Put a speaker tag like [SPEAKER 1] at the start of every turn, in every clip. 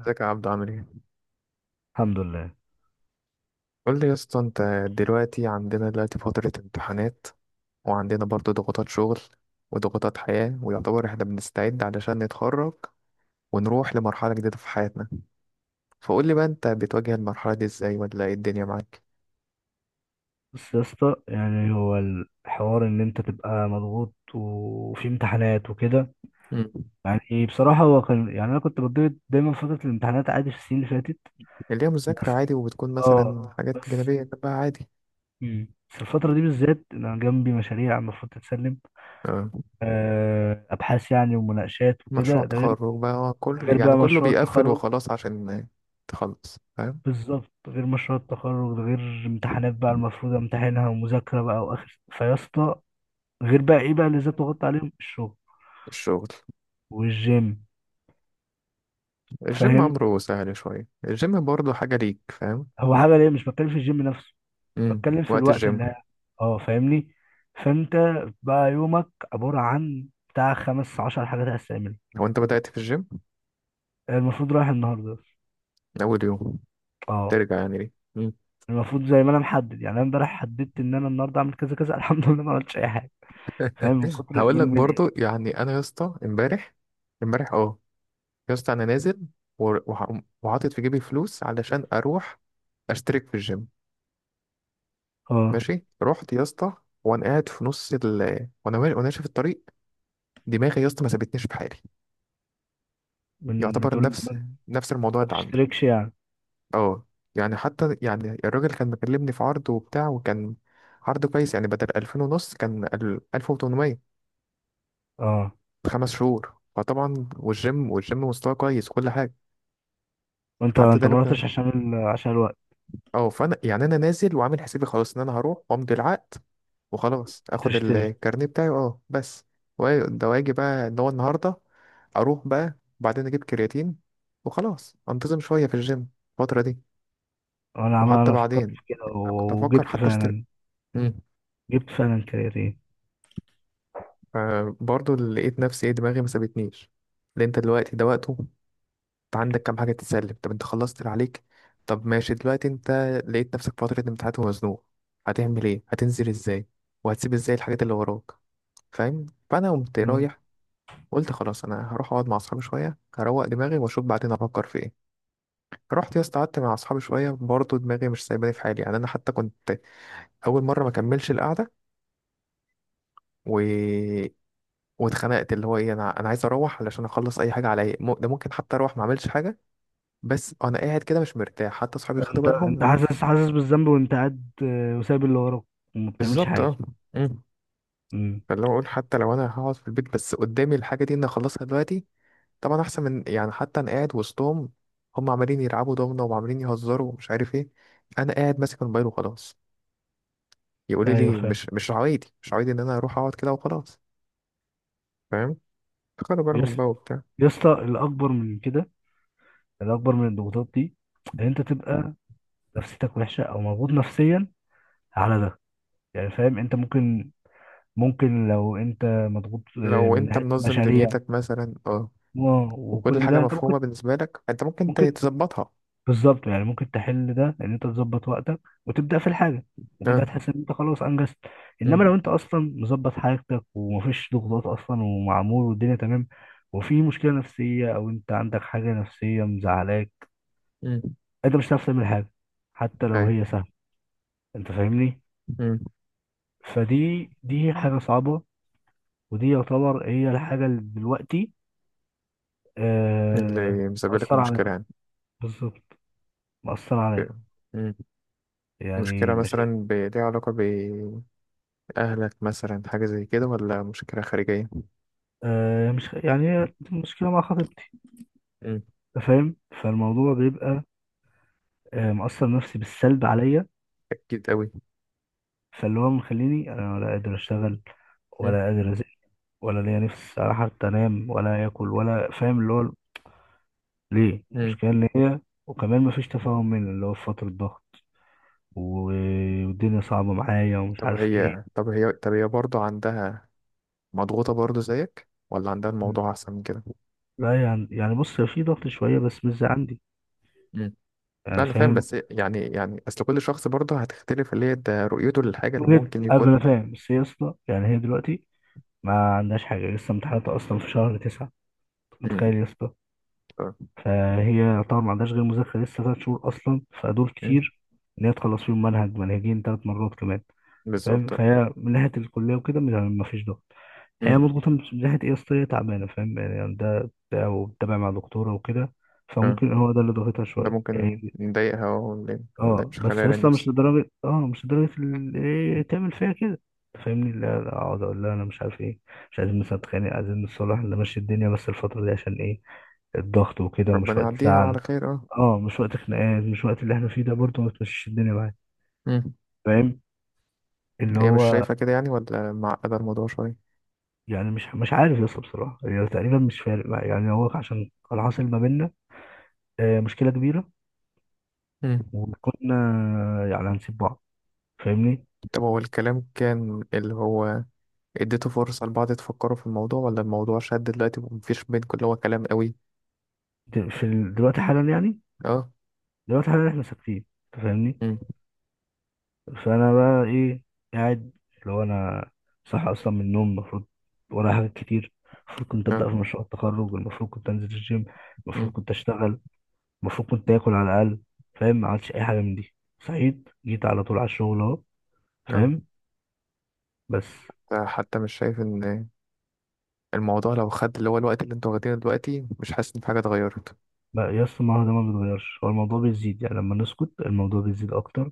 [SPEAKER 1] ازيك يا عبدو، عامل ايه؟
[SPEAKER 2] الحمد لله.
[SPEAKER 1] قول لي يا اسطى، انت دلوقتي عندنا دلوقتي فترة امتحانات، وعندنا برضو ضغوطات شغل وضغوطات حياة، ويعتبر احنا بنستعد علشان نتخرج ونروح لمرحلة جديدة في حياتنا. فقول لي بقى، انت بتواجه المرحلة دي ازاي، ولا ايه الدنيا معاك؟
[SPEAKER 2] بس يا اسطى، يعني هو الحوار ان انت تبقى مضغوط وفي امتحانات وكده.
[SPEAKER 1] مم.
[SPEAKER 2] يعني ايه بصراحة، هو كان يعني انا كنت بتضغط دايما في فترة الامتحانات عادي في السنين اللي فاتت.
[SPEAKER 1] اللي هي
[SPEAKER 2] بس
[SPEAKER 1] مذاكرة عادي، وبتكون
[SPEAKER 2] اه
[SPEAKER 1] مثلا حاجات
[SPEAKER 2] بس
[SPEAKER 1] جانبية بقى عادي.
[SPEAKER 2] بس الفترة دي بالذات انا جنبي مشاريع المفروض تتسلم،
[SPEAKER 1] اه.
[SPEAKER 2] ابحاث يعني ومناقشات
[SPEAKER 1] مشروع
[SPEAKER 2] وكده. ده غير
[SPEAKER 1] تخرج بقى، اه، كل يعني
[SPEAKER 2] بقى
[SPEAKER 1] كله
[SPEAKER 2] مشروع
[SPEAKER 1] بيقفل
[SPEAKER 2] التخرج.
[SPEAKER 1] وخلاص عشان تخلص، فاهم؟
[SPEAKER 2] بالظبط، غير مشروع التخرج، ده غير امتحانات بقى المفروض امتحنها، ومذاكرة بقى، واخر فيا اسطى. غير بقى ايه بقى اللي زاد ضغط عليهم، الشغل
[SPEAKER 1] الشغل.
[SPEAKER 2] والجيم.
[SPEAKER 1] الجيم
[SPEAKER 2] فاهم؟
[SPEAKER 1] أمره سهل شوية، الجيم برضه حاجة ليك، فاهم؟
[SPEAKER 2] هو عمل ايه، مش بتكلم في الجيم نفسه، بتكلم في
[SPEAKER 1] وقت
[SPEAKER 2] الوقت
[SPEAKER 1] الجيم.
[SPEAKER 2] اه، فاهمني؟ فانت بقى يومك عبارة عن بتاع 15 حاجات هستعملها.
[SPEAKER 1] هو انت بدأت في الجيم
[SPEAKER 2] المفروض رايح النهارده.
[SPEAKER 1] من اول يوم
[SPEAKER 2] اه،
[SPEAKER 1] ترجع يعني ليه؟ مم.
[SPEAKER 2] المفروض زي ما انا محدد، يعني انا امبارح حددت ان انا النهارده اعمل كذا كذا. الحمد لله ما عملتش اي حاجه. فاهم من كتر
[SPEAKER 1] هقول لك
[SPEAKER 2] من ايه
[SPEAKER 1] برضو، يعني انا يا اسطى امبارح اه، يا اسطى انا نازل، وحاطط في جيبي فلوس علشان اروح اشترك في الجيم.
[SPEAKER 2] اه
[SPEAKER 1] ماشي، رحت يا اسطى، وانا قاعد في نص ال وانا ماشي في الطريق، دماغي يا اسطى ما سابتنيش في حالي.
[SPEAKER 2] من
[SPEAKER 1] يعتبر
[SPEAKER 2] بتقول ما،
[SPEAKER 1] نفس الموضوع
[SPEAKER 2] ما
[SPEAKER 1] اللي عندك.
[SPEAKER 2] تشتركش يعني.
[SPEAKER 1] اه، يعني حتى يعني الراجل كان مكلمني في عرض وبتاع، وكان عرض كويس. يعني بدل 2500 كان 1800،
[SPEAKER 2] اه.
[SPEAKER 1] 5 شهور. فطبعا، والجيم مستواه كويس وكل حاجة.
[SPEAKER 2] وانت
[SPEAKER 1] حتى ده لو
[SPEAKER 2] ما
[SPEAKER 1] كان،
[SPEAKER 2] رحتش عشان عشان الوقت
[SPEAKER 1] اه. فأنا يعني أنا نازل وعامل حسابي خلاص إن أنا هروح وأمضي العقد وخلاص، اخد
[SPEAKER 2] وتشتري.
[SPEAKER 1] الكارنيه بتاعي. اه، بس، ده واجي بقى ان هو النهارده اروح بقى، وبعدين اجيب كرياتين وخلاص، انتظم شويه في الجيم الفتره دي.
[SPEAKER 2] انا عمال،
[SPEAKER 1] وحتى
[SPEAKER 2] انا فكرت
[SPEAKER 1] بعدين
[SPEAKER 2] في كده
[SPEAKER 1] أنا كنت افكر
[SPEAKER 2] وجبت
[SPEAKER 1] حتى اشتري.
[SPEAKER 2] فعلا، جبت فعلا كرياتين.
[SPEAKER 1] فبرضه اللي لقيت نفسي، ايه، دماغي ما سابتنيش. لأن انت دلوقتي ده وقته، انت عندك كام حاجة تتسلم. طب انت خلصت اللي عليك؟ طب ماشي، دلوقتي انت لقيت نفسك فترة امتحانات ومزنوق، هتعمل ايه، هتنزل ازاي، وهتسيب ازاي الحاجات اللي وراك؟ فاهم؟ فانا قمت
[SPEAKER 2] مم.
[SPEAKER 1] رايح، قلت خلاص انا هروح اقعد مع اصحابي شوية، هروق دماغي، واشوف بعدين افكر في ايه. رحت يا اسطى، قعدت مع اصحابي شوية، برضه دماغي مش سايباني في حالي. يعني انا حتى كنت اول مره ما كملش القعده. و واتخنقت اللي هو ايه، انا عايز اروح علشان اخلص اي حاجه عليا. ده ممكن حتى اروح ما اعملش حاجه، بس انا قاعد كده مش مرتاح. حتى اصحابي خدوا
[SPEAKER 2] انت
[SPEAKER 1] بالهم.
[SPEAKER 2] حاسس، بالذنب وانت قاعد، آه، وسايب اللي وراك وما بتعملش
[SPEAKER 1] بالظبط،
[SPEAKER 2] حاجه.
[SPEAKER 1] اه. مم.
[SPEAKER 2] مم.
[SPEAKER 1] فاللي هو اقول، حتى لو انا هقعد في البيت، بس قدامي الحاجه دي ان اخلصها دلوقتي، طبعا احسن من، يعني، حتى انا قاعد وسطهم، هم عمالين يلعبوا دومنه وعمالين يهزروا ومش عارف ايه، انا قاعد ماسك الموبايل وخلاص، يقولوا
[SPEAKER 2] ايوه
[SPEAKER 1] لي
[SPEAKER 2] فاهم.
[SPEAKER 1] مش عوايدي، مش عوايدي ان انا اروح اقعد كده وخلاص. فاهم؟ خدوا بالهم
[SPEAKER 2] يس
[SPEAKER 1] بقى وبتاع.
[SPEAKER 2] يا اسطى، الاكبر من كده، الاكبر من الضغوطات دي، ان انت تبقى نفسيتك وحشه او مضغوط نفسيا على ده. يعني فاهم، انت ممكن، لو انت مضغوط، آه،
[SPEAKER 1] لو
[SPEAKER 2] من
[SPEAKER 1] انت
[SPEAKER 2] ناحيه
[SPEAKER 1] منظم
[SPEAKER 2] مشاريع
[SPEAKER 1] دنيتك مثلا، اه، وكل
[SPEAKER 2] وكل
[SPEAKER 1] حاجة
[SPEAKER 2] ده، انت ممكن،
[SPEAKER 1] مفهومة بالنسبة لك، انت ممكن
[SPEAKER 2] ممكن
[SPEAKER 1] تظبطها.
[SPEAKER 2] بالظبط، يعني ممكن تحل ده ان انت تظبط وقتك وتبدا في الحاجه، وكده
[SPEAKER 1] اه.
[SPEAKER 2] هتحس ان انت خلاص انجزت. انما
[SPEAKER 1] مم.
[SPEAKER 2] لو انت اصلا مظبط حاجتك، ومفيش ضغوطات اصلا، ومعمول والدنيا تمام، وفي مشكله نفسيه، او انت عندك حاجه نفسيه مزعلاك،
[SPEAKER 1] مم.
[SPEAKER 2] انت مش هتعرف تعمل حاجه حتى لو
[SPEAKER 1] ايوه.
[SPEAKER 2] هي سهله. انت فاهمني؟
[SPEAKER 1] مم.
[SPEAKER 2] فدي، دي حاجه صعبه، ودي يعتبر هي الحاجه اللي دلوقتي آه
[SPEAKER 1] اللي مسبب لك
[SPEAKER 2] مأثرة
[SPEAKER 1] المشكلة
[SPEAKER 2] عليك.
[SPEAKER 1] يعني.
[SPEAKER 2] بالظبط، مأثرة عليك.
[SPEAKER 1] آه. مم. مشكلة
[SPEAKER 2] يعني مش،
[SPEAKER 1] مثلا ليها علاقة بأهلك مثلا، حاجة زي كده، ولا مشكلة خارجية؟
[SPEAKER 2] آه مش يعني، هي مشكله مع خطيبتي.
[SPEAKER 1] مم.
[SPEAKER 2] أنت فاهم؟ فالموضوع بيبقى، آه، مأثر نفسي بالسلب عليا.
[SPEAKER 1] أكيد أوي.
[SPEAKER 2] فاللي هو مخليني، انا ولا قادر اشتغل،
[SPEAKER 1] مم.
[SPEAKER 2] ولا قادر ازق، ولا ليا نفس على حتى انام ولا اكل، ولا فاهم اللي هو ليه
[SPEAKER 1] مم.
[SPEAKER 2] المشكله ان هي، وكمان مفيش تفاهم مني، اللي هو في فتره ضغط و- والدنيا صعبه معايا ومش
[SPEAKER 1] طب
[SPEAKER 2] عارف ايه.
[SPEAKER 1] هي برضه عندها، مضغوطة برضه زيك، ولا عندها الموضوع أحسن من كده؟
[SPEAKER 2] لا يعني، يعني بص، هي في ضغط شويه بس مش زي عندي،
[SPEAKER 1] مم. لا،
[SPEAKER 2] يعني
[SPEAKER 1] أنا فاهم،
[SPEAKER 2] فاهم.
[SPEAKER 1] بس يعني أصل كل شخص برضه هتختلف اللي هي ده رؤيته للحاجة اللي
[SPEAKER 2] وجيت
[SPEAKER 1] ممكن
[SPEAKER 2] قبل، انا
[SPEAKER 1] يكون.
[SPEAKER 2] فاهم، بس هي يا اسطى يعني، هي دلوقتي ما عندهاش حاجه، لسه امتحاناتها اصلا في شهر 9،
[SPEAKER 1] مم.
[SPEAKER 2] متخيل يا اسطى؟
[SPEAKER 1] آه.
[SPEAKER 2] فهي طبعا ما عندهاش غير مذاكرة لسه 3 شهور أصلا، فدول
[SPEAKER 1] مم.
[SPEAKER 2] كتير إن هي تخلص فيهم منهج منهجين 3 مرات كمان. فاهم؟
[SPEAKER 1] بالظبط.
[SPEAKER 2] فهي من ناحية الكلية وكده ما فيش ضغط.
[SPEAKER 1] مم.
[SPEAKER 2] هي مضغوطة من ناحية إيه، أصل هي تعبانة، فاهم يعني؟ ده وبتتابع مع دكتورة وكده.
[SPEAKER 1] اه،
[SPEAKER 2] فممكن هو ده اللي ضغطها
[SPEAKER 1] ده
[SPEAKER 2] شوية،
[SPEAKER 1] ممكن
[SPEAKER 2] يعني.
[SPEAKER 1] نضايقها؟ ولا
[SPEAKER 2] اه
[SPEAKER 1] مش
[SPEAKER 2] بس
[SPEAKER 1] خلالها
[SPEAKER 2] لسه مش
[SPEAKER 1] نفسي؟
[SPEAKER 2] لدرجة، اه مش لدرجة إيه تعمل فيها كده. فاهمني؟ لا لا، اقعد اقول لها انا مش عارف ايه، مش عايزين مثلا نتخانق، عايزين نتصالح نمشي الدنيا، بس الفترة دي عشان ايه، الضغط وكده، ومش
[SPEAKER 1] ربنا
[SPEAKER 2] وقت،
[SPEAKER 1] يعديها على
[SPEAKER 2] لا.
[SPEAKER 1] خير. اه.
[SPEAKER 2] اه، مش وقت خناقات، مش وقت اللي احنا فيه ده. برضه ما تمشيش الدنيا معايا.
[SPEAKER 1] مم.
[SPEAKER 2] فاهم؟ اللي
[SPEAKER 1] هي مش
[SPEAKER 2] هو
[SPEAKER 1] شايفة كده، يعني ولا معقدة الموضوع شوية؟
[SPEAKER 2] يعني، مش عارف يا اسطى بصراحه، يعني تقريبا مش فارق معايا، يعني هو عشان كان حاصل ما بيننا، آه، مشكله كبيره،
[SPEAKER 1] مم.
[SPEAKER 2] وكنا يعني هنسيب بعض، فاهمني؟
[SPEAKER 1] طب هو الكلام كان، اللي هو، اديته فرصة لبعض تفكروا في الموضوع، ولا الموضوع شد دلوقتي ومفيش بينكم اللي هو كلام قوي؟
[SPEAKER 2] دلوقتي حالا يعني،
[SPEAKER 1] اه.
[SPEAKER 2] دلوقتي حالا احنا ساكتين. أنت فاهمني؟
[SPEAKER 1] مم.
[SPEAKER 2] فانا بقى ايه، قاعد، اللي هو انا صح اصلا من النوم. المفروض ورايا حاجات كتير، المفروض كنت
[SPEAKER 1] اه.
[SPEAKER 2] ابدا في مشروع التخرج، المفروض كنت انزل الجيم،
[SPEAKER 1] مم.
[SPEAKER 2] المفروض كنت اشتغل، المفروض كنت اكل على الاقل. فاهم؟ ما عملتش اي حاجه من دي، صحيت جيت على طول على الشغل اهو.
[SPEAKER 1] اه.
[SPEAKER 2] فاهم؟ بس
[SPEAKER 1] حتى مش شايف ان الموضوع لو خد، اللي هو، الوقت اللي انتوا واخدينه دلوقتي، مش حاسس ان في حاجة اتغيرت؟
[SPEAKER 2] بقى يا اسطى، ما هو ده ما بيتغيرش، هو الموضوع بيزيد، يعني لما نسكت الموضوع بيزيد اكتر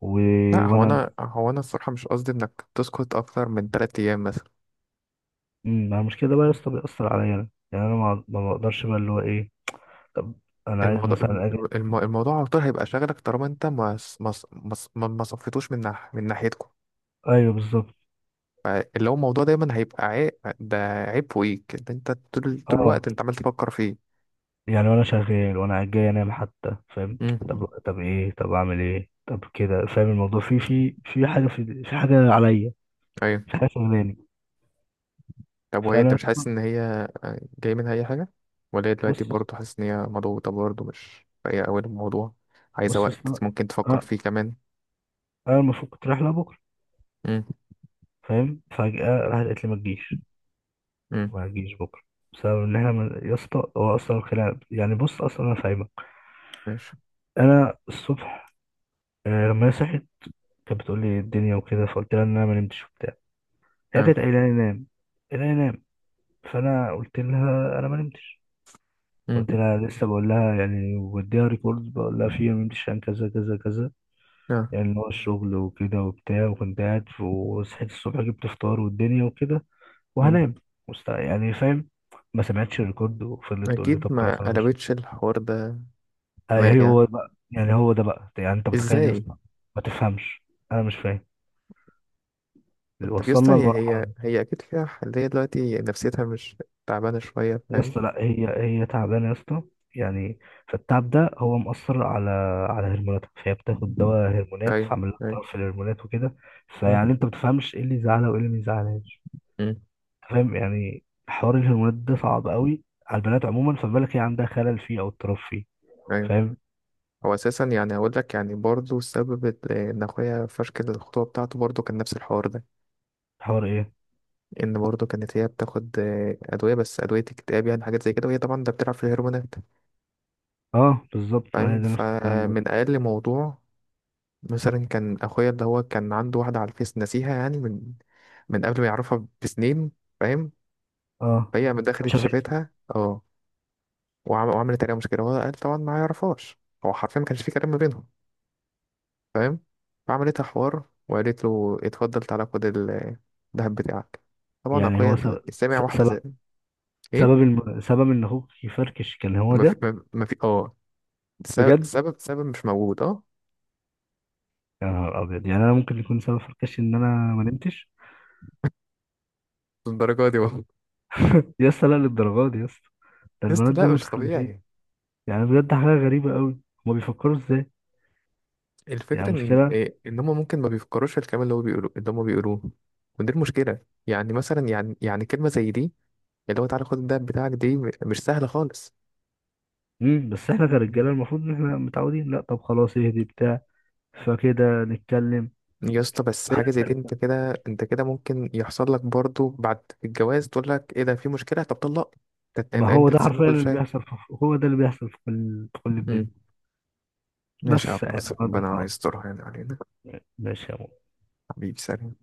[SPEAKER 2] و...
[SPEAKER 1] لا، هو
[SPEAKER 2] وانا،
[SPEAKER 1] انا هو انا الصراحة مش قصدي انك تسكت اكتر من 3 ايام مثلا.
[SPEAKER 2] مع المشكله ده بقى يا اسطى بيأثر عليا انا، يعني انا ما بقدرش بقى اللي هو ايه. طب انا عايز
[SPEAKER 1] الموضوع الم-
[SPEAKER 2] مثلا اجي.
[SPEAKER 1] الموضوع على طول هيبقى شاغلك طالما انت ما صفيتوش من ناحيتكم.
[SPEAKER 2] ايوه بالظبط.
[SPEAKER 1] فاللي هو الموضوع دايما هيبقى عيب، ده عيب فوقيك. ده انت طول
[SPEAKER 2] اه
[SPEAKER 1] الوقت انت عمال تفكر فيه.
[SPEAKER 2] يعني وانا شغال، وانا جاي انام حتى، فاهم؟
[SPEAKER 1] امم
[SPEAKER 2] طب، ايه، طب اعمل ايه، طب كده فاهم، الموضوع في في حاجه، في حاجه عليا،
[SPEAKER 1] ايوه.
[SPEAKER 2] في حاجه شغلاني.
[SPEAKER 1] طب وهي، انت
[SPEAKER 2] فانا
[SPEAKER 1] مش حاسس ان هي جاي منها اي حاجه، ولا هي
[SPEAKER 2] بص
[SPEAKER 1] دلوقتي برضه، حاسس ان هي مضغوطه برضه، مش هي اول الموضوع، عايزه
[SPEAKER 2] بص
[SPEAKER 1] وقت
[SPEAKER 2] اصل،
[SPEAKER 1] ممكن تفكر
[SPEAKER 2] اه،
[SPEAKER 1] فيه كمان؟
[SPEAKER 2] انا المفروض كنت رايح لها بكره،
[SPEAKER 1] امم.
[SPEAKER 2] فاهم؟ فجأة راحت قالت لي ما تجيش،
[SPEAKER 1] امم.
[SPEAKER 2] ما تجيش بكره، بسبب ان احنا يا اسطى هو اصلا الخناقه يعني، بص اصلا انا فاهمك.
[SPEAKER 1] ماشي.
[SPEAKER 2] انا الصبح، آه لما هي صحت، كانت بتقول لي الدنيا وكده، فقلت لها ان انا ما نمتش وبتاع. هي كانت
[SPEAKER 1] اه.
[SPEAKER 2] قايله لي نام، فانا قلت لها انا ما نمتش، قلت
[SPEAKER 1] امم.
[SPEAKER 2] لها لسه، بقول لها يعني، وديها ريكورد بقول لها فيه ما نمتش عشان كذا كذا كذا،
[SPEAKER 1] اه.
[SPEAKER 2] يعني اللي هو الشغل وكده وبتاع، وكنت قاعد وصحيت الصبح جبت فطار والدنيا وكده،
[SPEAKER 1] امم.
[SPEAKER 2] وهنام، يعني فاهم؟ ما سمعتش الريكورد، وفضلت تقول لي
[SPEAKER 1] اكيد.
[SPEAKER 2] طب خلاص
[SPEAKER 1] ما
[SPEAKER 2] انا مش
[SPEAKER 1] قلبتش الحوار ده خناق
[SPEAKER 2] ايه. هو
[SPEAKER 1] يعني؟
[SPEAKER 2] بقى يعني، هو ده بقى يعني، انت متخيل يا
[SPEAKER 1] ازاي؟
[SPEAKER 2] اسطى؟ ما تفهمش! انا مش فاهم،
[SPEAKER 1] طب يا اسطى،
[SPEAKER 2] وصلنا
[SPEAKER 1] هي
[SPEAKER 2] لمرحله
[SPEAKER 1] هي
[SPEAKER 2] دي.
[SPEAKER 1] هي اكيد فيها حل. هي دلوقتي نفسيتها مش تعبانه شويه،
[SPEAKER 2] يا
[SPEAKER 1] فاهم؟
[SPEAKER 2] اسطى، لا هي، هي تعبانه يا اسطى، يعني. فالتعب ده هو مأثر على، على هرموناتها، فهي بتاخد دواء هرمونات،
[SPEAKER 1] ايوه.
[SPEAKER 2] فعمل لها
[SPEAKER 1] ايوه.
[SPEAKER 2] اضطراب في الهرمونات وكده.
[SPEAKER 1] مم.
[SPEAKER 2] فيعني انت ما بتفهمش ايه اللي يزعلها وايه اللي ما يزعلهاش.
[SPEAKER 1] مم.
[SPEAKER 2] فاهم؟ يعني حوار الهرمونات ده صعب قوي على البنات عموما، فما بالك هي عندها خلل فيه او اضطراب فيه.
[SPEAKER 1] ايوه.
[SPEAKER 2] فاهم؟
[SPEAKER 1] هو اساسا، يعني اقول لك يعني، برضه السبب ان اخويا فشكل الخطوبه بتاعته، برضه كان نفس الحوار ده،
[SPEAKER 2] حوار ايه؟
[SPEAKER 1] ان برضه كانت هي بتاخد، ادويه، بس ادويه اكتئاب، يعني حاجات زي كده، وهي طبعا ده بتلعب في الهرمونات.
[SPEAKER 2] اه بالظبط، ما هي
[SPEAKER 1] فاهم؟
[SPEAKER 2] ده نفس الكلام برضه.
[SPEAKER 1] فمن اقل موضوع، مثلا كان اخويا، اللي هو كان عنده واحده على الفيس، نسيها يعني، من قبل ما يعرفها بسنين. فاهم؟
[SPEAKER 2] اه
[SPEAKER 1] فهي من دخلت
[SPEAKER 2] شافت.
[SPEAKER 1] شافتها، اه، وعملت عليها مشكلة. وهو قال طبعا ما يعرفهاش، هو حرفيا ما كانش في كلام ما بينهم. فاهم؟ فعملتها حوار وقالت له اتفضل تعالى خد الذهب بتاعك. طبعا
[SPEAKER 2] يعني
[SPEAKER 1] أخويا
[SPEAKER 2] هو سبب،
[SPEAKER 1] السامع واحدة زي،
[SPEAKER 2] سبب
[SPEAKER 1] إيه،
[SPEAKER 2] سبب سبب ان اخوك يفركش كان هو
[SPEAKER 1] ما في
[SPEAKER 2] ده؟
[SPEAKER 1] ما ما في
[SPEAKER 2] بجد؟
[SPEAKER 1] سبب مش موجود، آه.
[SPEAKER 2] يا نهار ابيض! يعني انا ممكن يكون سبب فركشي ان انا ما نمتش؟
[SPEAKER 1] الدرجة دي والله!
[SPEAKER 2] يا اسطى لا، للدرجه دي يا اسطى؟ ده
[SPEAKER 1] يا اسطى
[SPEAKER 2] البنات دول
[SPEAKER 1] لا، مش
[SPEAKER 2] متخلفين،
[SPEAKER 1] طبيعي.
[SPEAKER 2] يعني بجد حاجه غريبه قوي. هما بيفكروا ازاي؟ يعني
[SPEAKER 1] الفكرة إن،
[SPEAKER 2] مشكله.
[SPEAKER 1] إيه، إن هما ممكن ما بيفكروش في الكلام اللي هو بيقولوه، اللي هما بيقولوه. ودي المشكلة. يعني مثلا، يعني كلمة زي دي، اللي هو تعالى خد الذهب بتاعك، دي مش سهلة خالص.
[SPEAKER 2] بس احنا كرجاله المفروض ان احنا متعودين، لا طب خلاص اهدي بتاع، فكده نتكلم.
[SPEAKER 1] يا اسطى بس حاجة زي دي، انت كده ممكن يحصل لك برضو بعد الجواز، تقول لك ايه ده، في مشكلة، طب طلق!
[SPEAKER 2] ما
[SPEAKER 1] انت
[SPEAKER 2] هو
[SPEAKER 1] انت
[SPEAKER 2] ده
[SPEAKER 1] تستحمل
[SPEAKER 2] حرفيا
[SPEAKER 1] كل
[SPEAKER 2] اللي
[SPEAKER 1] شيء.
[SPEAKER 2] هو ده اللي بيحصل في كل، في كل الدنيا.
[SPEAKER 1] امم ماشي يا عبد
[SPEAKER 2] بس يعني
[SPEAKER 1] الناصر،
[SPEAKER 2] هذا
[SPEAKER 1] ربنا
[SPEAKER 2] الحوار.
[SPEAKER 1] يسترها يعني علينا.
[SPEAKER 2] ماشي يا مو.
[SPEAKER 1] حبيبي، سلام.